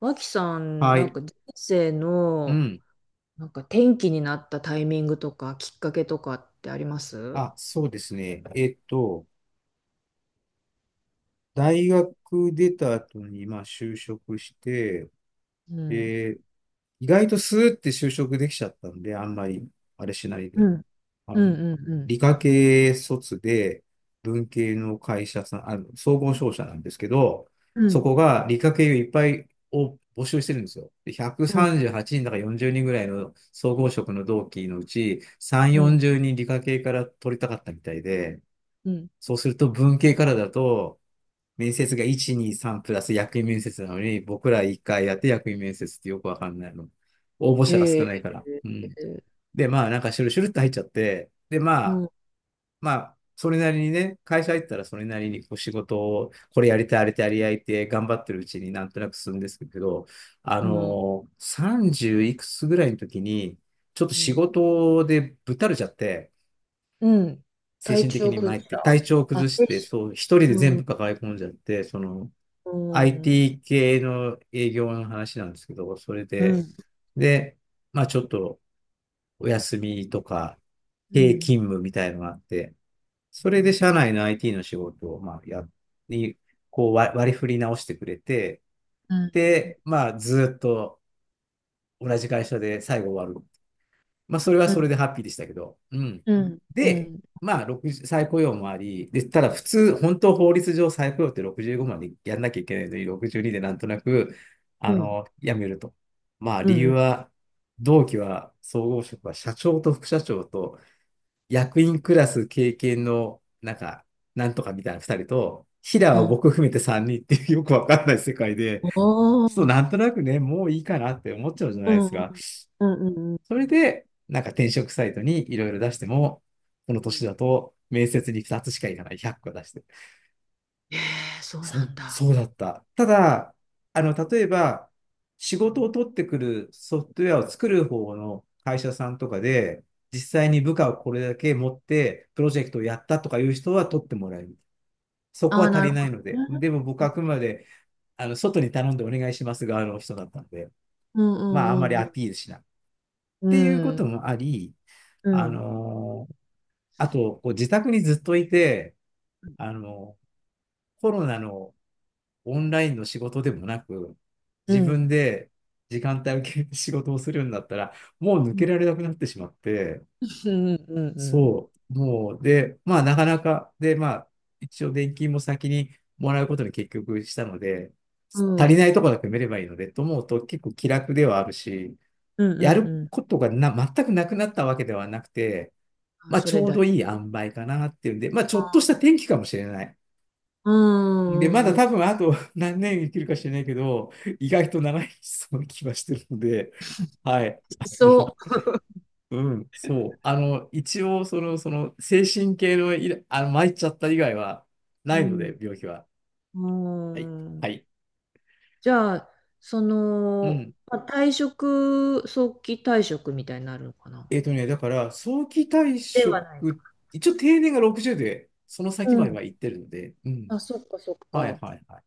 ワキさんはなんい。か人生うのん。なんか転機になったタイミングとかきっかけとかってあります？あ、そうですね。大学出た後に、まあ、就職して、うん、え意外とスーって就職できちゃったんで、あんまり、あれしないうで。ん、あうの、ん、うん、うん、理科系卒で、文系の会社さん、総合商社なんですけど、うそん、こが理科系をいっぱいを募集してるんですよ。で、うん、138人だか40人ぐらいの総合職の同期のうち、3、うん、40人理科系から取りたかったみたいで、うん。そうすると文系からだと、面接が1、2、3プラス役員面接なのに、僕ら1回やって役員面接ってよくわかんないの。応募へ者が少え。ないから。うん。で、まあなんかシュルシュルって入っちゃって、で、まうあ、ん、それなりにね、会社入ったらそれなりにこう仕事を、これやりたい、あれやりたいって頑張ってるうちになんとなく進むんですけど、あうん、のー、30いくつぐらいの時に、ちょっとう仕ん、事でぶったれちゃって、うん。精体神的調に崩参っして、体た。調をあ崩してて、し。そう、一人でう全ん、部抱え込んじゃって、その、うん、うん、 IT 系の営業の話なんですけど、それで、うで、まあちょっとお休みとか、経勤ん、務みたいのがあって、そうれでん、社内の IT の仕事を、まあ、に、こう割り振り直してくれて、うん、で、まあずっと同じ会社で最後終わる。まあ、それはうそれん、でハッピーでしたけど。うん。うん、うん、うで、ん、まあ、60再雇用もあり、で、ただ普通、本当法律上再雇用って65までやんなきゃいけないのに、62でなんとなく、うん、辞めると。まあ、う理ん、う由ん、は、同期は、総合職は社長と副社長と、役員クラス経験の、なんか、なんとかみたいな2人と、平うはん、僕含めて3人っていうよくわかんない世界で、ちょっとなんとなくね、もういいかなって思っちゃうじゃないですか。うん、それで、なんか転職サイトにいろいろ出しても、このうん。年だと面接に2つしかいかない、100個出して。ええ、そうそなんう、だ。そうだった。ただ、例えば、仕事を取ってくるソフトウェアを作る方の会社さんとかで、実際に部下をこれだけ持って、プロジェクトをやったとかいう人は取ってもらえる。そこあはあ、足なるりなほいのどで。ね。でも僕はあくまで、外に頼んでお願いします側の人だったので、うん、うまあ、あんまりん、うん、アピールしない。っうていうことん。もあり、うん、あうん。のーあと、こう自宅にずっといて、あの、コロナのオンラインの仕事でもなく、う自ん、分で時間帯を決めて仕事をするんだったら、もう抜うん、けられなくなってしまって、うん、うん、そう、もう、で、まあ、なかなか、で、まあ、一応、年金も先にもらうことに結局したので、う足ん。うりないん。ところだけ埋めればいいので、と思うと結構気楽ではあるし、うん、やるうん。ことがな全くなくなったわけではなくて、あ、まあ、そちれょうだよ。どいい塩梅かなっていうんで、まあ、ちょっあとしあ。た転機かもしれない。うで、まだん、うん、うん。多分あと何年生きるか知れないけど、意外と長いそうな気はしてるので、はい。そうん、そう。あの、一応、精神系の参っちゃった以外はう。うないのん、で、病気は。うはい。ん。はい。じゃあ、そうの、ん。まあ、早期退職みたいになるのかな、ね、だから、早期退ではないか。職、一応定年が60で、そのう先まではん。行ってるので、うん。あ、そっかそっはいか。はいはい。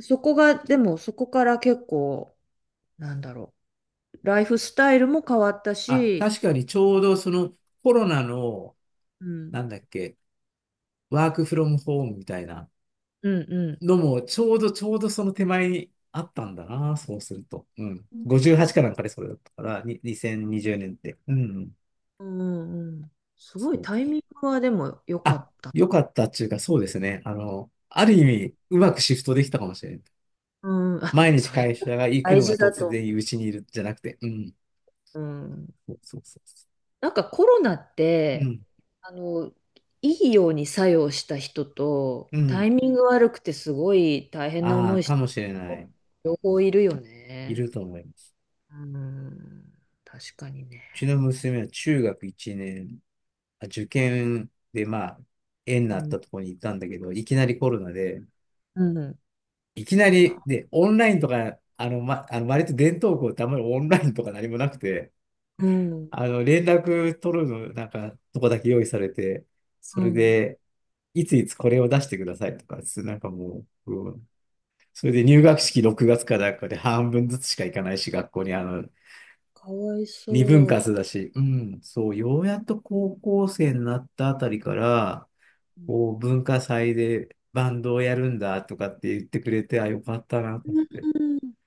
そこが、でもそこから結構、なんだろう。ライフスタイルも変わったあ、し、確かにちょうどそのコロナの、うん、なんだっけ、ワークフロムホームみたいなうん、うん、のも、ちょうどその手前にあったんだな、そうすると。うん。58かなんかでそれだったから、に2020年って。うん。うん、うん、すごそいう。タイミングはでも良かあ、った。よかったっていうか、そうですね。ある意味、うまくシフトできたかもしれない。うん、あ、毎日それ会社が行く大のが事だ突と。然うちにいるじゃなくて、うん。うん、そうそうそうそなんかコロナっう。うて、ん。あの、いいように作用した人と、うタん。イミング悪くてすごい大変なあ思あ、いしかたもしれな人、い。両う方んいるよいね。ると思います。うん、確かにね。ちの娘は中学1年、あ受験でまあ、縁にうなっん。たところに行ったんだけど、いきなりコロナで、うん。いきなり、で、オンラインとか、あの、ま、あの割と伝統校ってあんまりオンラインとか何もなくて、うん、連絡取るの、なんか、とこだけ用意されて、そうれん、で、いついつこれを出してくださいとか、なんかもう、うんそれで入え、学式6月かなんかで半分ずつしか行かないし、学校にかわい二分そ割だし、うん、そう、ようやっと高校生になったあたりから、う。こう、文化祭でバンドをやるんだとかって言ってくれて、あ、よかったなうと思って。ん。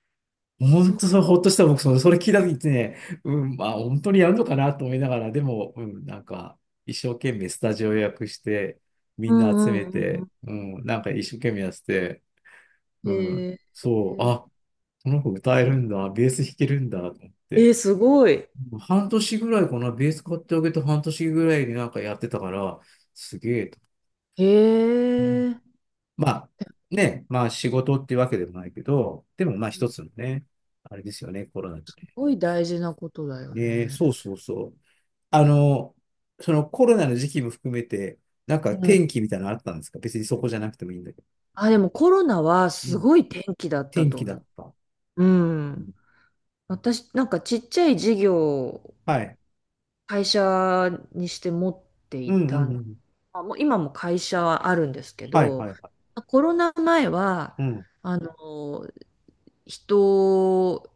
そ本っか。当それ、ほっとした僕、それ聞いた時ってね、うん、まあ、本当にやるのかなと思いながら、でも、うん、なんか、一生懸命スタジオ予約して、みうんな集ん、めうん、うて、ん、うん、なんか一生懸命やってて、ううん。へん、え。そう、あ、この子歌えるんだ、ベース弾けるんだ、と思って。えー、すごい。半年ぐらいかな、ベース買ってあげて半年ぐらいでなんかやってたから、すげえと。へえ、すまあ、ね、まあ仕事ってわけでもないけど、でもまあ一つのね、あれですよね、コロナでごい大事なことだよね。ね、ね。そうそうそう。あの、そのコロナの時期も含めて、なんかうん。天気みたいなのあったんですか別にそこじゃなくてもいいんだけど。あ、でもコロナはうすん。ごい天気だった天と気だ思った。う。ううん。ん私、なんかちっちゃい事業をはい。会社にして持ってういんうたんうの。ん。あ、もう今も会社はあるんですけはいはど、いはい。コロナ前は、うん。あの、人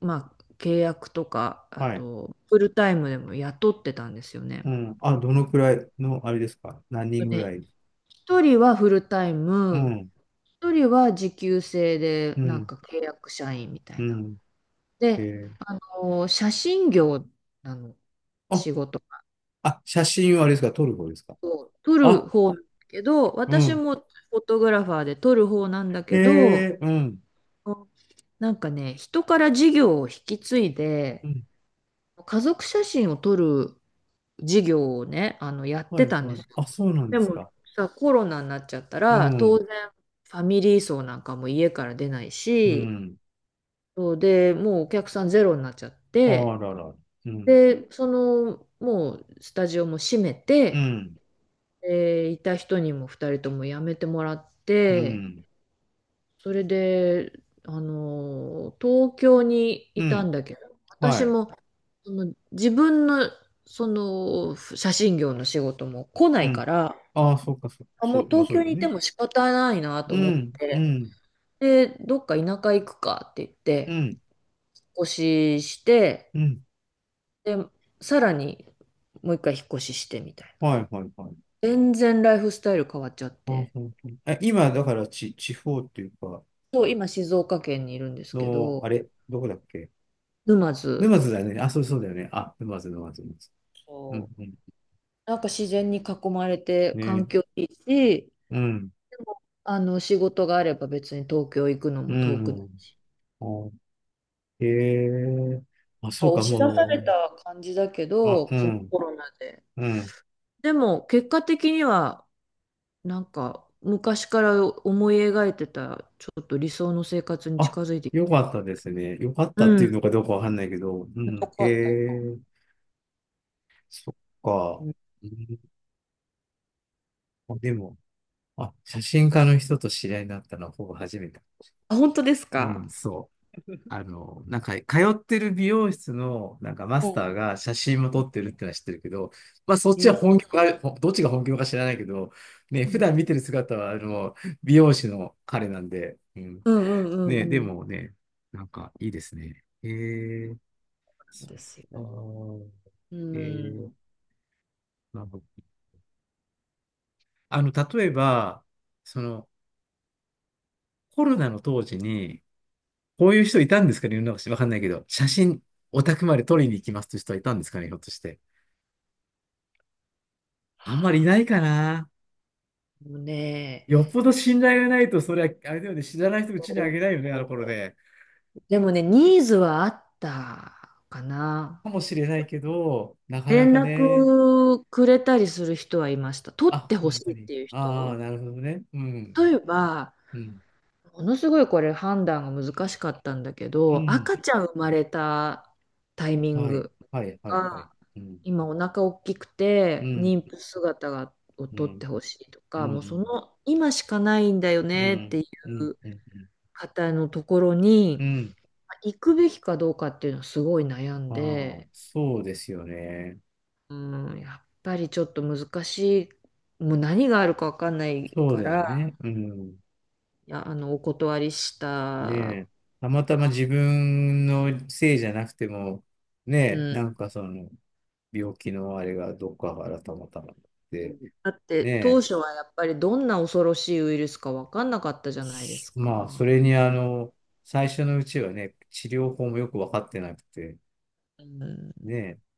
まあ、契約とか、あはい。と、フルタイムでも雇ってたんですよね。うん。あ、どのくらいの、あれですか何人ぐね、らい一人はフルタイうム、ん。一人は時給制で、うなんん。か契約社員みたういな。ん。えで、え。あの写真業なの、あ、仕事あ、写真はあれですか、撮る方ですか。を撮るあ、方なんだけど、う私ん。もフォトグラファーで撮る方なんだへけど、え、うん。なんかね、人から事業を引き継いうで、ん。家族写真を撮る事業をね、やっはてい、たんではすい。よ。あ、そうなんでですもか。さ、コロナになっちゃったうら、当ん。然ファミリー層なんかも家から出ないうし、ん。そうで、もうお客さんゼロになっちゃっあて、らら。うん。で、もうスタジオも閉めうて、ん。でいた人にも二人とも辞めてもらっうて、ん。それで、東京にういたんん。だけど、は私い。も、その自分の、その写真業の仕事も来なういかん。ら、ああ、そうか、そう、あ、もそうう、まあ東そう京ですにいてね。も仕方ないなとう思っん。うて、ん。で、どっか田舎行くかって言っうて、引ん。っ越しして、うん。で、さらにもう一回引っ越ししてみたいな。はい、はい、はい。全然ライフスタイル変わっちゃっああ、て。本当に。え、今、だから、ち、地方っていうか、そう、今静岡県にいるんですけの、あど、れ、どこだっけ沼津。沼津だよね。あ、そう、そうだよね。あ、沼津、沼津、沼津。うん、そう。うん。なんか自然に囲まれてね環え境いいし、うん、仕事があれば別に東京行くのうも遠くないん。し。おへえ。あ、なんかそうか、押し出さもれう、た感じだけあ、ど、うそのん、コロナで。うん。でも結果的にはなんか昔から思い描いてたちょっと理想の生活にあ、近づいてきて。よかったですね。よかっうたっていうん。のかどうかわかんないけど、うよん、かへったよかっえ、そった。うか。ん。うん、あでも、あ、写真家の人と知り合いになったのはほぼ初めて。あ、本当ですうん、か？そう。なんか、通ってる美容室の、なんかマうスん、ターが写真も撮ってるってのは知ってるけど、まあ、そっちはえ、本業がほどっちが本業か知らないけど、ね、う普ん、段見てる姿は、美容師の彼なんで、うん。うん、うん、うね、ん、でうん。もね、なんか、いいですね。えー、そうそでっすよ。か。うえん。ー、なるほど。例えば、その、コロナの当時に、こういう人いたんですかね、世の中わかんないけど、写真、お宅まで撮りに行きますという人はいたんですかね、ひょっとして。はあんまりいあ。ないかな。もうね、よっぽど信頼がないと、それは、あれだよね、知らない人うちにあげないよね、あの頃で。でもね、ニーズはあったかな。かもしれないけど、なかな連かね。絡くれたりする人はいました。取っあ、てほ本し当いっに。ていうああ、人。なるほどね。うん。例えば、うん。ものすごいこれ判断が難しかったんだけうど、ん。赤ちゃん生まれたタイミンはい。グはい。はい。はい。が、うん。今お腹大きくうてん。妊婦姿がをう取っん。てほしいとうか、もうそん。の今しかないんだようねってん。いううん。うん。方のところうにん。行くべきかどうかっていうのはすごい悩んああー、で、そうですよね。うん、やっぱりちょっと難しい、もう何があるかわかんないそうかだよら、ね。うん。いや、お断りしたねかえ、たまたまな。自分のせいじゃなくても、うねえ、ん、なんかその、病気のあれがどっかからたまたまうで、ん、だって当ね初はやっぱりどんな恐ろしいウイルスか分かんなかったじゃないですえ、まあ、か。それに最初のうちはね、治療法もよく分かってなくて、うん、ねえ、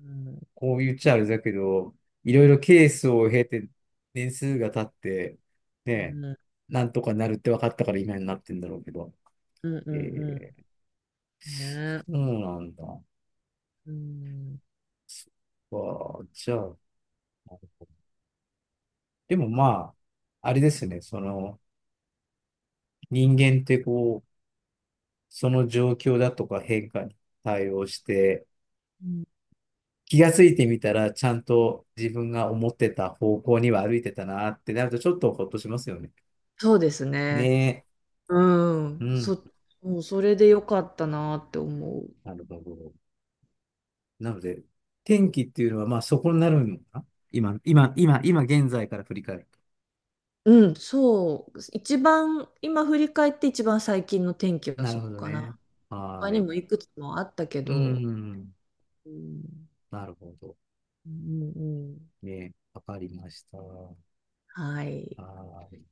うん、こう言っちゃあれだけど、いろいろケースを経て、年数が経って、ねうえ、ん、なんとかなるって分かったから今になってんだろうけど、うん、うえん、うえ、んね。そうなんだ。うん、わあ、じゃあ、でもまあ、あれですね、その人間ってこう、その状況だとか変化に対応して、うん。気がついてみたら、ちゃんと自分が思ってた方向には歩いてたなってなると、ちょっとほっとしますよね。そうですね。ねうえ。うん。ん。もうそれでよかったなって思う。なるほど。なので、天気っていうのは、まあそこになるのかな今、今現在から振り返ると。うん、そう。一番、今振り返って一番最近の天気はなそるほこどかね。な。は他ーにもい。いくつもあったけうど、ん。うん、なるほど。うん、うん。ねえ、わかりました。ははい。ーい。